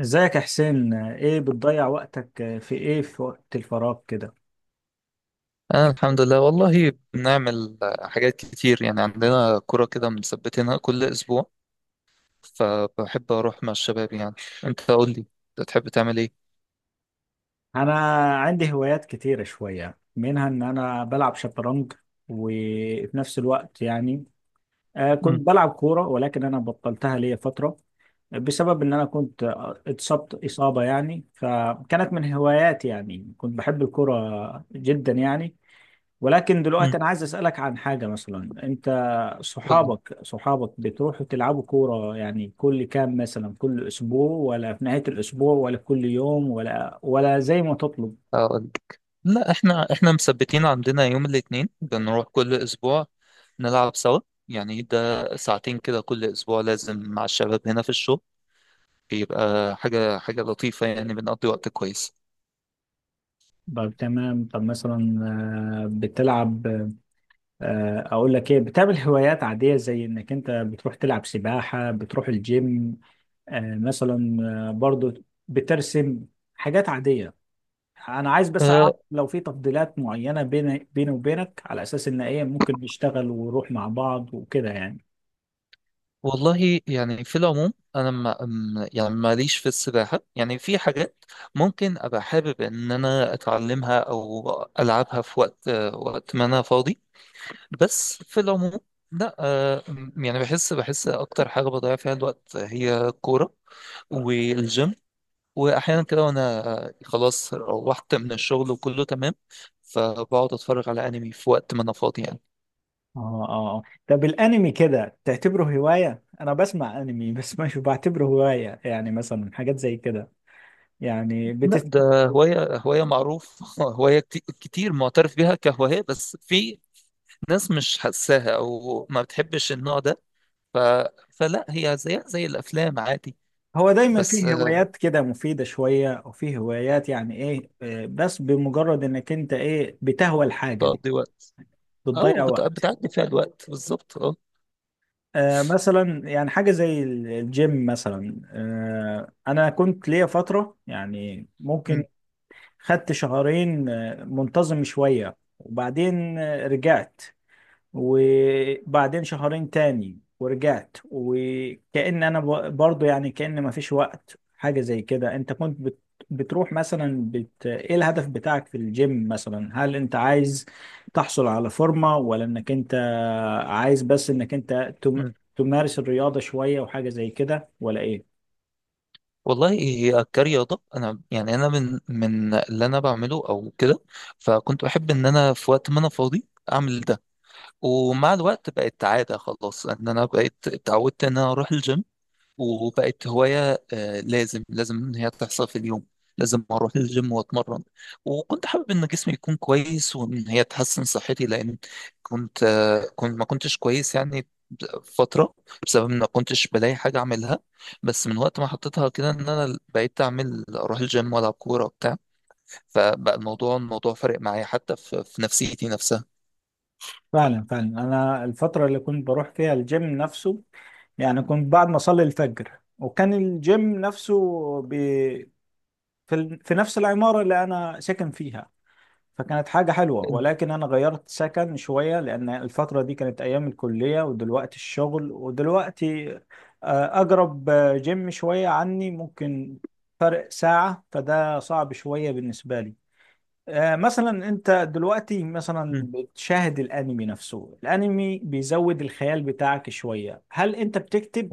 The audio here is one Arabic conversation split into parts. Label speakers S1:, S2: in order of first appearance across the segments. S1: ازيك يا حسين؟ ايه بتضيع وقتك في ايه، في وقت الفراغ كده؟
S2: أنا الحمد لله والله بنعمل حاجات كتير يعني عندنا كرة كده مثبتينها كل أسبوع. فبحب أروح مع الشباب يعني. أنت قول لي، أنت تحب تعمل إيه؟
S1: انا عندي هوايات كتيرة شوية، منها ان انا بلعب شطرنج. وفي نفس الوقت يعني
S2: مم.
S1: كنت بلعب كورة، ولكن انا بطلتها ليا فترة، بسبب ان انا كنت اتصبت اصابة يعني، فكانت من هواياتي يعني، كنت بحب الكورة جدا يعني. ولكن
S2: مم.
S1: دلوقتي انا عايز اسالك عن حاجه، مثلا انت
S2: قول لي
S1: صحابك بتروحوا تلعبوا كوره يعني كل كام، مثلا كل اسبوع، ولا في نهايه الاسبوع، ولا كل يوم، ولا زي ما تطلب؟
S2: أقول لك. لا إحنا مثبتين عندنا يوم الاثنين بنروح كل أسبوع نلعب سوا. يعني ده ساعتين كده كل أسبوع لازم مع الشباب هنا في الشغل. بيبقى حاجة لطيفة يعني بنقضي وقت كويس.
S1: طب تمام. طب مثلا، بتلعب. اقول لك ايه، بتعمل هوايات عاديه زي انك انت بتروح تلعب سباحه، بتروح الجيم مثلا، برضو بترسم، حاجات عاديه؟ انا عايز بس
S2: آه،
S1: اعرف لو في تفضيلات معينه بيني وبينك، على اساس ان ايه ممكن نشتغل ونروح مع بعض وكده يعني.
S2: والله يعني في العموم انا ما م- يعني ماليش في السباحه، يعني في حاجات ممكن ابقى حابب ان انا اتعلمها او العبها في وقت ما انا فاضي. بس في العموم، لا يعني بحس اكتر حاجه بضيع فيها الوقت هي الكوره والجيم. واحيانا كده وانا خلاص روحت من الشغل وكله تمام، فبقعد اتفرج على انمي في وقت ما انا فاضي يعني.
S1: اه، اه، آه. طب الانمي كده تعتبره هوايه؟ انا بسمع انمي بس مش بعتبره هوايه يعني، مثلا حاجات زي كده. يعني
S2: لا ده هواية معروف هواية كتير معترف بيها كهواية، بس في ناس مش حاساها أو ما بتحبش النوع ده. ف... فلا هي زيها زي الأفلام عادي.
S1: هو دايما
S2: بس
S1: فيه هوايات كده مفيده شويه، او فيه هوايات يعني ايه بس بمجرد انك انت ايه بتهوى الحاجه دي
S2: بتقضي وقت، أو
S1: بتضيع وقت.
S2: بتعدي فيها الوقت بالظبط أه.
S1: مثلا يعني حاجة زي الجيم مثلا، أنا كنت ليا فترة يعني، ممكن
S2: أمم،
S1: خدت شهرين منتظم شوية، وبعدين رجعت، وبعدين شهرين تاني ورجعت، وكأن انا برضو يعني، كأن ما فيش وقت حاجة زي كده. انت كنت بتروح مثلا، ايه الهدف بتاعك في الجيم مثلا؟ هل انت عايز تحصل على فورمة، ولا انك انت عايز بس انك انت
S2: أمم.
S1: تمارس الرياضة شوية وحاجة زي كده، ولا ايه؟
S2: والله هي كرياضة أنا، يعني أنا من اللي أنا بعمله أو كده، فكنت بحب إن أنا في وقت ما أنا فاضي أعمل ده. ومع الوقت بقت عادة خلاص، إن أنا بقيت اتعودت إن أنا أروح الجيم، وبقت هواية. لازم إن هي تحصل في اليوم، لازم أروح الجيم وأتمرن. وكنت حابب إن جسمي يكون كويس وإن هي تحسن صحتي، لأن كنت كنت ما كنتش كويس يعني فترة، بسبب إن ما كنتش بلاقي حاجة أعملها. بس من وقت ما حطيتها كده إن أنا بقيت أعمل أروح الجيم وألعب كورة وبتاع، فبقى الموضوع فارق معايا حتى في نفسيتي نفسها.
S1: فعلا فعلا، انا الفترة اللي كنت بروح فيها الجيم نفسه، يعني كنت بعد ما اصلي الفجر، وكان الجيم نفسه في في نفس العمارة اللي أنا ساكن فيها، فكانت حاجة حلوة. ولكن أنا غيرت سكن شوية، لأن الفترة دي كانت أيام الكلية، ودلوقتي الشغل، ودلوقتي أقرب جيم شوية عني ممكن فرق ساعة، فده صعب شوية بالنسبة لي. مثلا أنت دلوقتي
S2: م-
S1: مثلا بتشاهد الأنمي نفسه، الأنمي بيزود الخيال بتاعك شوية. هل أنت بتكتب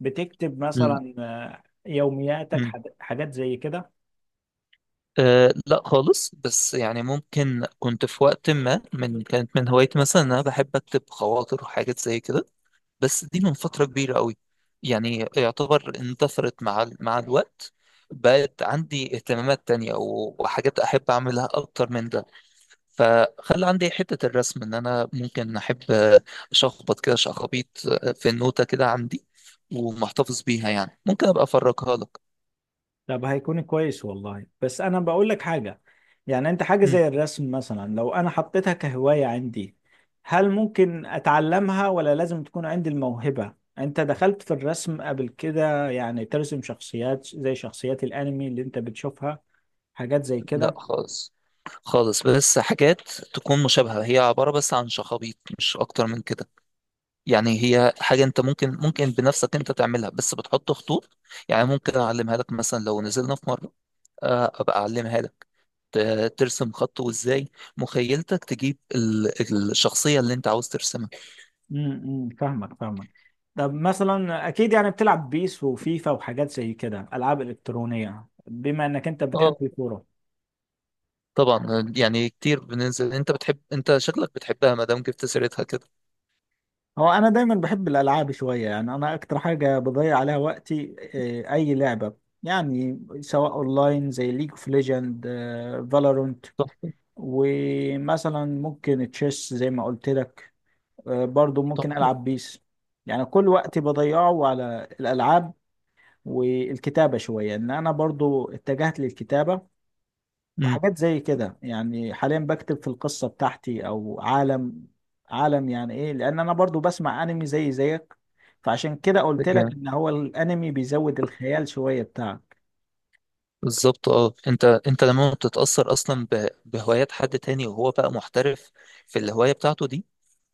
S1: بتكتب
S2: م-
S1: مثلا يومياتك،
S2: م-
S1: حاجات حاجات زي كده؟
S2: أه لا خالص. بس يعني ممكن كنت في وقت ما، من كانت من هوايتي مثلا إن انا بحب اكتب خواطر وحاجات زي كده. بس دي من فترة كبيرة قوي، يعني يعتبر اندثرت مع مع الوقت. بقت عندي اهتمامات تانية وحاجات احب اعملها اكتر من ده. فخلى عندي حتة الرسم، ان انا ممكن احب اشخبط كده شخابيط، في النوتة كده عندي ومحتفظ بيها، يعني ممكن ابقى افرجها لك.
S1: طب هيكون كويس والله. بس انا بقول لك حاجه يعني، انت حاجه زي الرسم مثلا لو انا حطيتها كهوايه عندي، هل ممكن اتعلمها، ولا لازم تكون عندي الموهبه؟ انت دخلت في الرسم قبل كده؟ يعني ترسم شخصيات زي شخصيات الانمي اللي انت بتشوفها، حاجات زي
S2: لا
S1: كده؟
S2: خالص خالص، بس حاجات تكون مشابهة، هي عبارة بس عن شخابيط مش أكتر من كده. يعني هي حاجة أنت ممكن بنفسك أنت تعملها بس بتحط خطوط. يعني ممكن أعلمها لك مثلا لو نزلنا في مرة، أبقى أعلمها لك. ترسم خط، وإزاي مخيلتك تجيب الشخصية اللي أنت عاوز ترسمها.
S1: فاهمك فاهمك. طب مثلا، اكيد يعني بتلعب بيس وفيفا وحاجات زي كده، العاب الكترونيه، بما انك انت بتحب
S2: اه
S1: الكوره.
S2: طبعا يعني كتير بننزل. أنت بتحب، أنت شكلك بتحبها ما دام جبت سيرتها كده.
S1: هو انا دايما بحب الالعاب شويه، يعني انا اكتر حاجه بضيع عليها وقتي، اي لعبه، يعني سواء اونلاين زي ليج اوف ليجند، فالورنت،
S2: تحفة.
S1: ومثلا ممكن تشيس زي ما قلت لك، برضو ممكن
S2: تحفة.
S1: العب بيس. يعني كل وقتي بضيعه على الالعاب، والكتابه شويه ان انا برضو اتجهت للكتابه وحاجات زي كده، يعني حاليا بكتب في القصة بتاعتي، او عالم يعني ايه، لان انا برضو بسمع انمي زي زيك، فعشان كده قلت لك
S2: امم،
S1: ان هو الانمي بيزود الخيال شوية بتاعك.
S2: بالظبط. اه انت لما بتتأثر اصلا بهوايات حد تاني وهو بقى محترف في الهواية بتاعته دي،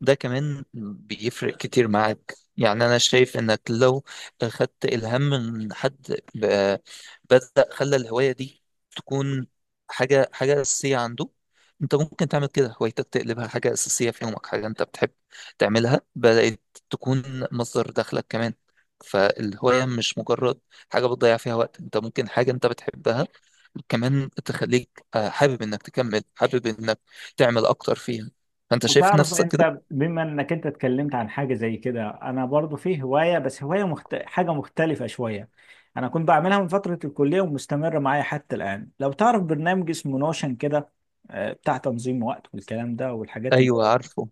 S2: ده كمان بيفرق كتير معاك. يعني انا شايف انك لو خدت الهام من حد بدأ خلى الهواية دي تكون حاجة أساسية عنده، انت ممكن تعمل كده هوايتك تقلبها حاجة أساسية في يومك، حاجة انت بتحب تعملها، بدأت تكون مصدر دخلك كمان. فالهواية مش مجرد حاجة بتضيع فيها وقت، انت ممكن حاجة انت بتحبها كمان تخليك حابب انك تكمل، حابب انك تعمل اكتر فيها. فانت شايف
S1: تعرف
S2: نفسك كده؟
S1: انت، بما انك انت اتكلمت عن حاجه زي كده، انا برضو في هوايه، بس هوايه حاجه مختلفه شويه. انا كنت بعملها من فتره الكليه ومستمره معايا حتى الان. لو تعرف برنامج اسمه نوشن كده، بتاع تنظيم وقت والكلام ده والحاجات.
S2: ايوه عارفه.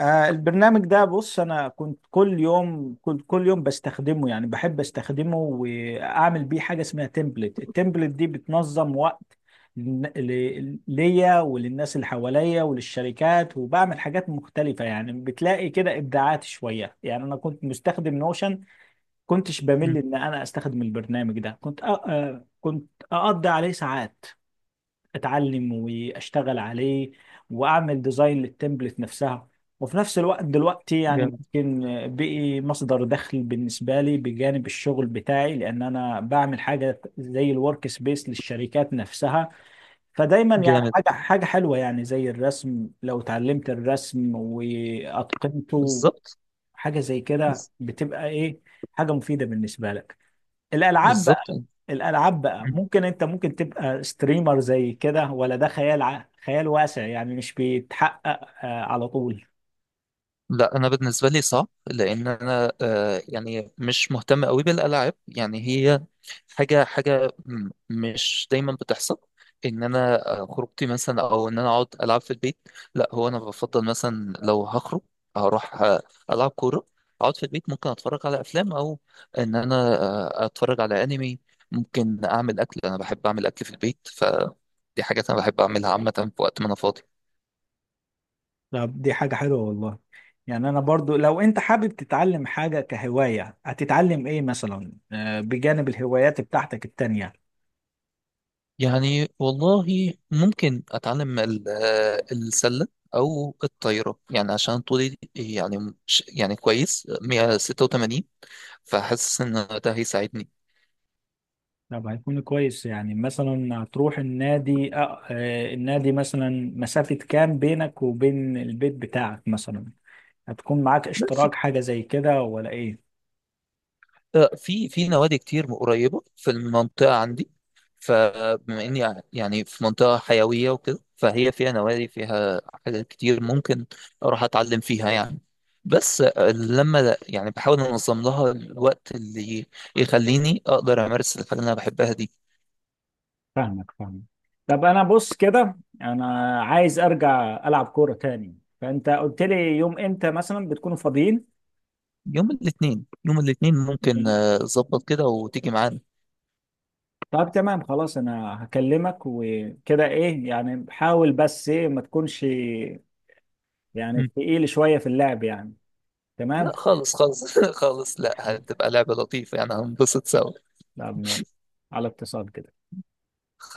S1: البرنامج ده بص، انا كنت كل يوم بستخدمه، يعني بحب استخدمه، واعمل بيه حاجه اسمها تمبلت. التمبلت دي بتنظم وقت ليا وللناس اللي حواليا وللشركات، وبعمل حاجات مختلفه يعني، بتلاقي كده ابداعات شويه. يعني انا كنت مستخدم نوشن، كنتش بمل
S2: مم.
S1: ان انا استخدم البرنامج ده، كنت أ... آه، كنت اقضي عليه ساعات اتعلم واشتغل عليه، واعمل ديزاين للتمبلت نفسها. وفي نفس الوقت دلوقتي يعني
S2: جامد.
S1: ممكن بقي مصدر دخل بالنسبة لي بجانب الشغل بتاعي، لأن أنا بعمل حاجة زي الورك سبيس للشركات نفسها. فدايما يعني
S2: جامد،
S1: حاجة حلوة، يعني زي الرسم لو اتعلمت الرسم وأتقنته
S2: بالظبط.
S1: حاجة زي كده،
S2: بز-
S1: بتبقى إيه، حاجة مفيدة بالنسبة لك. الألعاب بقى
S2: بالظبط.
S1: الالعاب بقى ممكن انت تبقى ستريمر زي كده، ولا ده خيال خيال واسع يعني مش بيتحقق على طول؟
S2: لا انا بالنسبه لي صعب، لان انا آه يعني مش مهتم قوي بالالعاب. يعني هي مش دايما بتحصل ان انا خروجتي مثلا او ان انا اقعد العب في البيت. لا هو انا بفضل مثلا لو هخرج هروح العب كوره. اقعد في البيت ممكن اتفرج على افلام او ان انا اتفرج على انمي. ممكن اعمل اكل، انا بحب اعمل اكل في البيت، فدي حاجات انا بحب اعملها عامه في وقت ما انا فاضي.
S1: طب دي حاجة حلوة والله. يعني انا برضو، لو انت حابب تتعلم حاجة كهواية، هتتعلم ايه مثلا بجانب الهوايات بتاعتك التانية؟
S2: يعني والله ممكن اتعلم السله او الطايره، يعني عشان طولي يعني يعني كويس 186، فحاسس ان ده هيساعدني.
S1: طب هيكون كويس. يعني مثلا هتروح النادي؟ النادي مثلا مسافة كام بينك وبين البيت بتاعك مثلا؟ هتكون معاك اشتراك حاجة زي كده، ولا ايه؟
S2: في في نوادي كتير قريبة في المنطقة عندي، فبما إني يعني في منطقة حيوية وكده، فهي فيها نوادي، فيها حاجات كتير ممكن أروح أتعلم فيها يعني. بس لما يعني بحاول أنظم لها الوقت اللي يخليني أقدر أمارس الحاجة اللي أنا بحبها دي.
S1: فاهمك فاهمك. طب انا بص كده، انا عايز ارجع العب كوره تاني، فانت قلت لي يوم امتى مثلا بتكونوا فاضيين؟
S2: يوم الاثنين، يوم الاثنين ممكن أظبط كده وتيجي معانا.
S1: طب تمام خلاص، انا هكلمك وكده. ايه يعني، حاول بس ايه ما تكونش يعني
S2: مم.
S1: تقيل شويه في اللعب يعني. تمام.
S2: لا خالص خالص خالص،
S1: حلو.
S2: لا هتبقى لعبة لطيفة يعني هنبسط سوا.
S1: طب ماشي. على اتصال كده.